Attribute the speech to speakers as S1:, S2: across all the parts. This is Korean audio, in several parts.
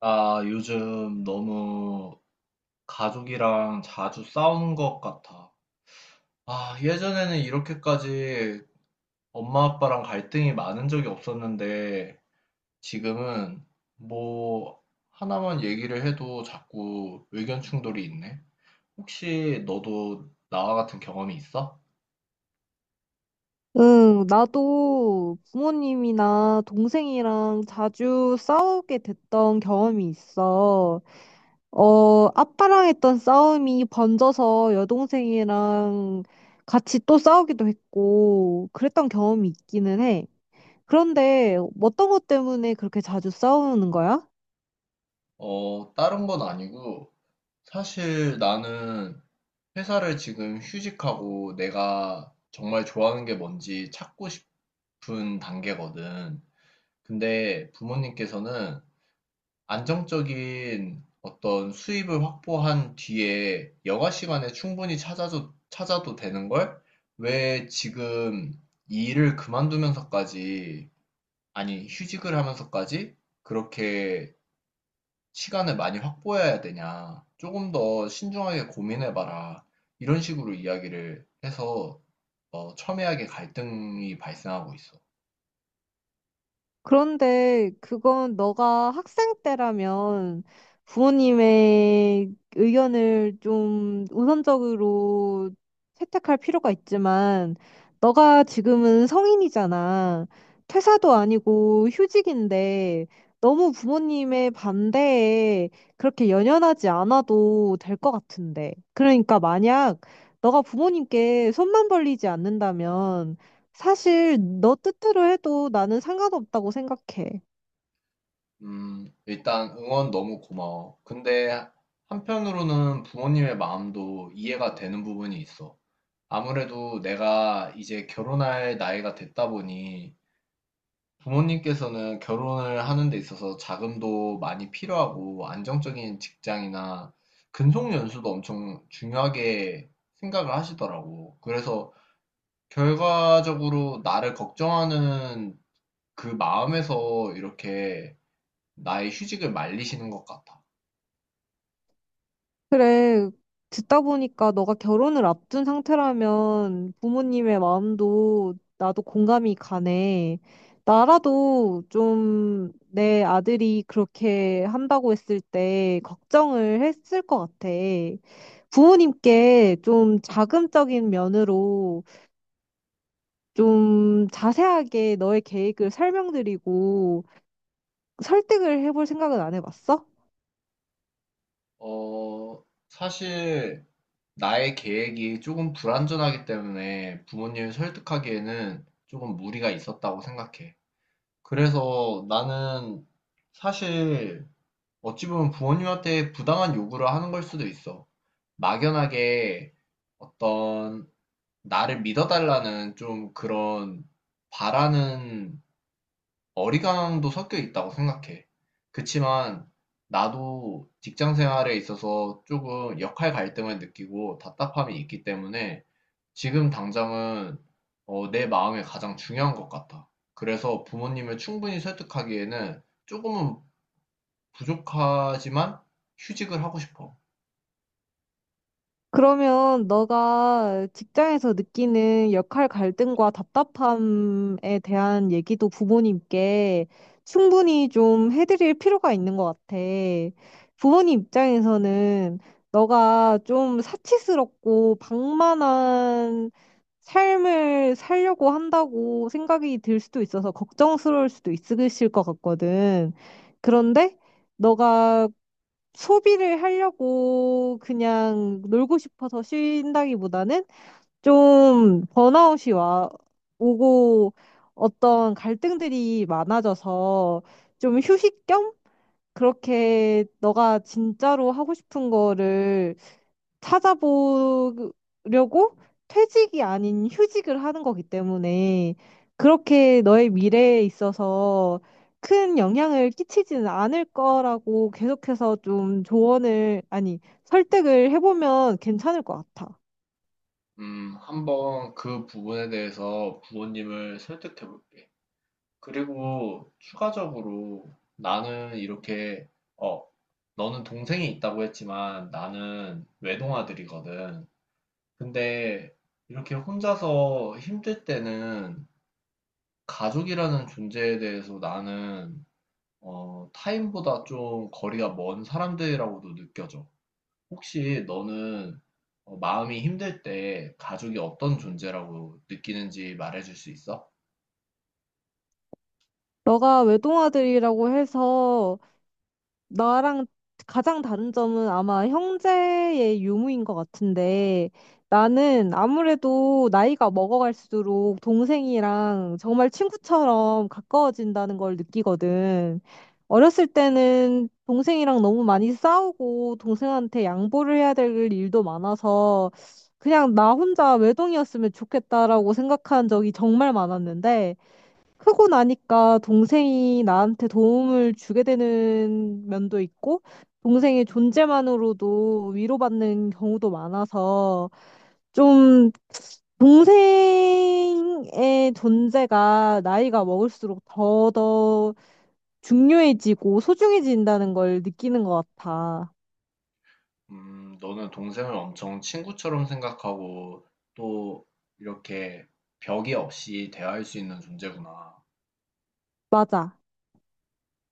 S1: 나 요즘 너무 가족이랑 자주 싸우는 것 같아. 아, 예전에는 이렇게까지 엄마 아빠랑 갈등이 많은 적이 없었는데 지금은 뭐 하나만 얘기를 해도 자꾸 의견 충돌이 있네. 혹시 너도 나와 같은 경험이 있어?
S2: 응, 나도 부모님이나 동생이랑 자주 싸우게 됐던 경험이 있어. 아빠랑 했던 싸움이 번져서 여동생이랑 같이 또 싸우기도 했고, 그랬던 경험이 있기는 해. 그런데 어떤 것 때문에 그렇게 자주 싸우는 거야?
S1: 다른 건 아니고 사실 나는 회사를 지금 휴직하고 내가 정말 좋아하는 게 뭔지 찾고 싶은 단계거든. 근데 부모님께서는 안정적인 어떤 수입을 확보한 뒤에 여가 시간에 충분히 찾아도 되는 걸 왜 지금 이 일을 그만두면서까지, 아니, 휴직을 하면서까지 그렇게 시간을 많이 확보해야 되냐. 조금 더 신중하게 고민해봐라. 이런 식으로 이야기를 해서 첨예하게 갈등이 발생하고 있어.
S2: 그런데 그건 너가 학생 때라면 부모님의 의견을 좀 우선적으로 채택할 필요가 있지만 너가 지금은 성인이잖아. 퇴사도 아니고 휴직인데 너무 부모님의 반대에 그렇게 연연하지 않아도 될 것 같은데. 그러니까 만약 너가 부모님께 손만 벌리지 않는다면 사실 너 뜻대로 해도 나는 상관없다고 생각해.
S1: 일단 응원 너무 고마워. 근데 한편으로는 부모님의 마음도 이해가 되는 부분이 있어. 아무래도 내가 이제 결혼할 나이가 됐다 보니 부모님께서는 결혼을 하는 데 있어서 자금도 많이 필요하고 안정적인 직장이나 근속 연수도 엄청 중요하게 생각을 하시더라고. 그래서 결과적으로 나를 걱정하는 그 마음에서 이렇게 나의 휴직을 말리시는 것 같아.
S2: 그래, 듣다 보니까 너가 결혼을 앞둔 상태라면 부모님의 마음도 나도 공감이 가네. 나라도 좀 내 아들이 그렇게 한다고 했을 때 걱정을 했을 것 같아. 부모님께 좀 자금적인 면으로 좀 자세하게 너의 계획을 설명드리고 설득을 해볼 생각은 안 해봤어?
S1: 사실 나의 계획이 조금 불완전하기 때문에 부모님을 설득하기에는 조금 무리가 있었다고 생각해. 그래서 나는 사실 어찌 보면 부모님한테 부당한 요구를 하는 걸 수도 있어. 막연하게 어떤 나를 믿어달라는 좀 그런 바라는 어리광도 섞여 있다고 생각해. 그치만 나도 직장 생활에 있어서 조금 역할 갈등을 느끼고 답답함이 있기 때문에 지금 당장은 내 마음이 가장 중요한 것 같아. 그래서 부모님을 충분히 설득하기에는 조금은 부족하지만 휴직을 하고 싶어.
S2: 그러면 너가 직장에서 느끼는 역할 갈등과 답답함에 대한 얘기도 부모님께 충분히 좀 해드릴 필요가 있는 것 같아. 부모님 입장에서는 너가 좀 사치스럽고 방만한 삶을 살려고 한다고 생각이 들 수도 있어서 걱정스러울 수도 있으실 것 같거든. 그런데 너가 소비를 하려고 그냥 놀고 싶어서 쉰다기보다는 좀 번아웃이 와 오고 어떤 갈등들이 많아져서 좀 휴식 겸 그렇게 너가 진짜로 하고 싶은 거를 찾아보려고 퇴직이 아닌 휴직을 하는 거기 때문에 그렇게 너의 미래에 있어서 큰 영향을 끼치지는 않을 거라고 계속해서 좀 조언을, 아니, 설득을 해보면 괜찮을 것 같아.
S1: 한번 그 부분에 대해서 부모님을 설득해 볼게. 그리고 추가적으로 나는 어, 너는 동생이 있다고 했지만 나는 외동아들이거든. 근데 이렇게 혼자서 힘들 때는 가족이라는 존재에 대해서 나는 타인보다 좀 거리가 먼 사람들이라고도 느껴져. 혹시 너는 마음이 힘들 때 가족이 어떤 존재라고 느끼는지 말해줄 수 있어?
S2: 너가 외동아들이라고 해서 나랑 가장 다른 점은 아마 형제의 유무인 것 같은데 나는 아무래도 나이가 먹어갈수록 동생이랑 정말 친구처럼 가까워진다는 걸 느끼거든. 어렸을 때는 동생이랑 너무 많이 싸우고 동생한테 양보를 해야 될 일도 많아서 그냥 나 혼자 외동이었으면 좋겠다라고 생각한 적이 정말 많았는데 크고 나니까 동생이 나한테 도움을 주게 되는 면도 있고, 동생의 존재만으로도 위로받는 경우도 많아서, 좀, 동생의 존재가 나이가 먹을수록 더더 중요해지고 소중해진다는 걸 느끼는 것 같아.
S1: 너는 동생을 엄청 친구처럼 생각하고 또 이렇게 벽이 없이 대화할 수 있는 존재구나.
S2: 맞아.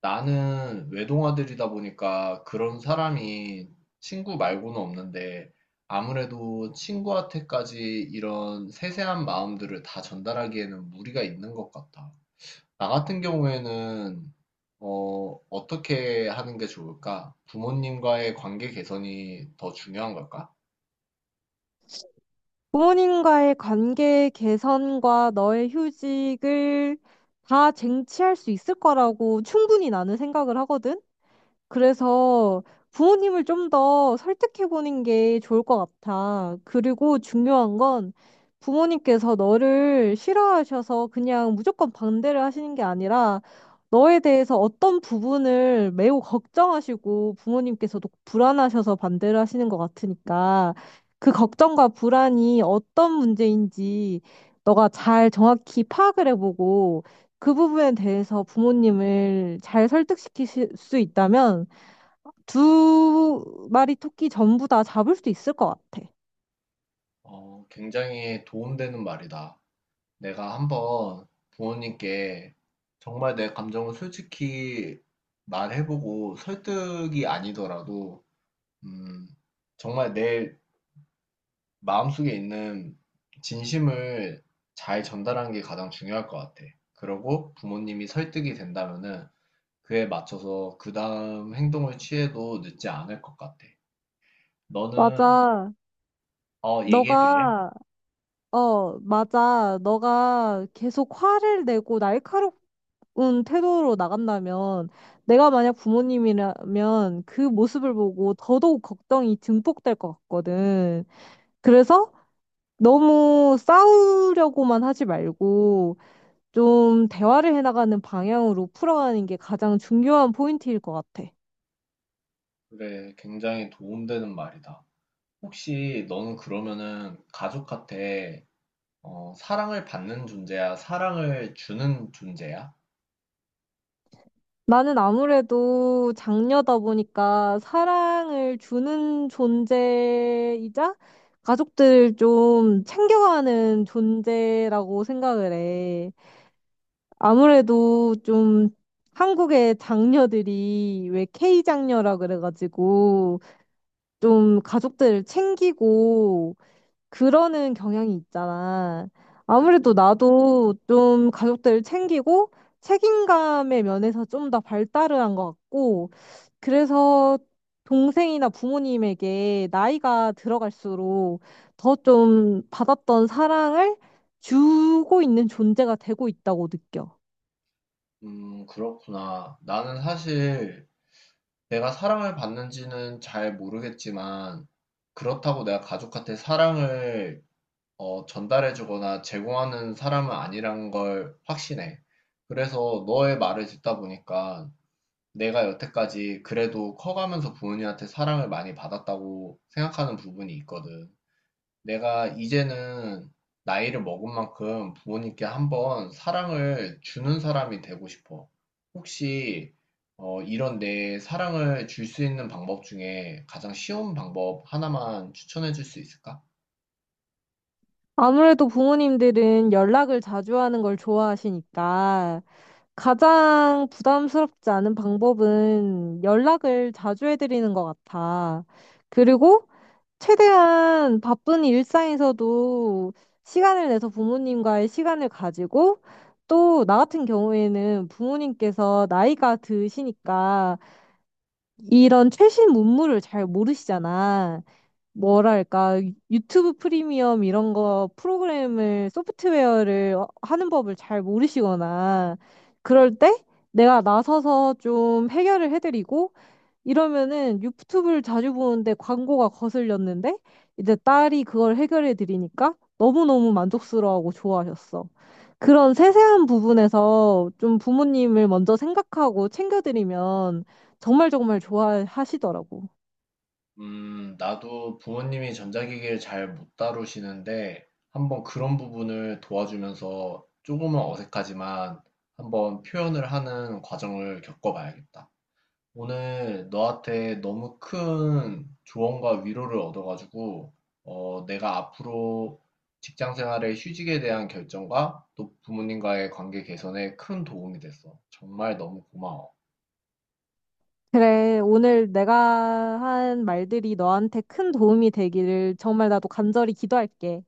S1: 나는 외동아들이다 보니까 그런 사람이 친구 말고는 없는데 아무래도 친구한테까지 이런 세세한 마음들을 다 전달하기에는 무리가 있는 것 같아. 나 같은 경우에는 어떻게 하는 게 좋을까? 부모님과의 관계 개선이 더 중요한 걸까?
S2: 부모님과의 관계 개선과 너의 휴직을 다 쟁취할 수 있을 거라고 충분히 나는 생각을 하거든. 그래서 부모님을 좀 더 설득해보는 게 좋을 것 같아. 그리고 중요한 건 부모님께서 너를 싫어하셔서 그냥 무조건 반대를 하시는 게 아니라 너에 대해서 어떤 부분을 매우 걱정하시고 부모님께서도 불안하셔서 반대를 하시는 것 같으니까 그 걱정과 불안이 어떤 문제인지 너가 잘 정확히 파악을 해보고 그 부분에 대해서 부모님을 잘 설득시킬 수 있다면 두 마리 토끼 전부 다 잡을 수 있을 것 같아.
S1: 어, 굉장히 도움되는 말이다. 내가 한번 부모님께 정말 내 감정을 솔직히 말해보고 설득이 아니더라도, 음, 정말 내 마음속에 있는 진심을 잘 전달하는 게 가장 중요할 것 같아. 그러고 부모님이 설득이 된다면은 그에 맞춰서 그 다음 행동을 취해도 늦지 않을 것 같아. 너는,
S2: 맞아.
S1: 얘기해 줄래?
S2: 너가, 너가 계속 화를 내고 날카로운 태도로 나간다면, 내가 만약 부모님이라면 그 모습을 보고 더더욱 걱정이 증폭될 것 같거든. 그래서 너무 싸우려고만 하지 말고, 좀 대화를 해나가는 방향으로 풀어가는 게 가장 중요한 포인트일 것 같아.
S1: 그래, 굉장히 도움되는 말이다. 혹시 너는 그러면은 가족한테 사랑을 받는 존재야? 사랑을 주는 존재야?
S2: 나는 아무래도 장녀다 보니까 사랑을 주는 존재이자 가족들 좀 챙겨가는 존재라고 생각을 해. 아무래도 좀 한국의 장녀들이 왜 K장녀라 그래가지고 좀 가족들을 챙기고 그러는 경향이 있잖아.
S1: 그치.
S2: 아무래도 나도 좀 가족들을 챙기고 책임감의 면에서 좀 더 발달을 한 것 같고, 그래서 동생이나 부모님에게 나이가 들어갈수록 더 좀 받았던 사랑을 주고 있는 존재가 되고 있다고 느껴.
S1: 그렇구나. 나는 사실 내가 사랑을 받는지는 잘 모르겠지만 그렇다고 내가 가족한테 사랑을 전달해주거나 제공하는 사람은 아니란 걸 확신해. 그래서 너의 말을 듣다 보니까 내가 여태까지 그래도 커가면서 부모님한테 사랑을 많이 받았다고 생각하는 부분이 있거든. 내가 이제는 나이를 먹은 만큼 부모님께 한번 사랑을 주는 사람이 되고 싶어. 혹시 이런 내 사랑을 줄 수 있는 방법 중에 가장 쉬운 방법 하나만 추천해 줄 수 있을까?
S2: 아무래도 부모님들은 연락을 자주 하는 걸 좋아하시니까 가장 부담스럽지 않은 방법은 연락을 자주 해드리는 것 같아. 그리고 최대한 바쁜 일상에서도 시간을 내서 부모님과의 시간을 가지고 또 나 같은 경우에는 부모님께서 나이가 드시니까 이런 최신 문물을 잘 모르시잖아. 뭐랄까, 유튜브 프리미엄 이런 거 프로그램을, 소프트웨어를 하는 법을 잘 모르시거나, 그럴 때 내가 나서서 좀 해결을 해드리고, 이러면은 유튜브를 자주 보는데 광고가 거슬렸는데, 이제 딸이 그걸 해결해드리니까 너무너무 만족스러워하고 좋아하셨어. 그런 세세한 부분에서 좀 부모님을 먼저 생각하고 챙겨드리면 정말 정말 좋아하시더라고.
S1: 나도 부모님이 전자기기를 잘 못 다루시는데 한번 그런 부분을 도와주면서 조금은 어색하지만 한번 표현을 하는 과정을 겪어봐야겠다. 오늘 너한테 너무 큰 조언과 위로를 얻어가지고, 내가 앞으로 직장 생활의 휴직에 대한 결정과 또 부모님과의 관계 개선에 큰 도움이 됐어. 정말 너무 고마워.
S2: 그래, 오늘 내가 한 말들이 너한테 큰 도움이 되기를 정말 나도 간절히 기도할게.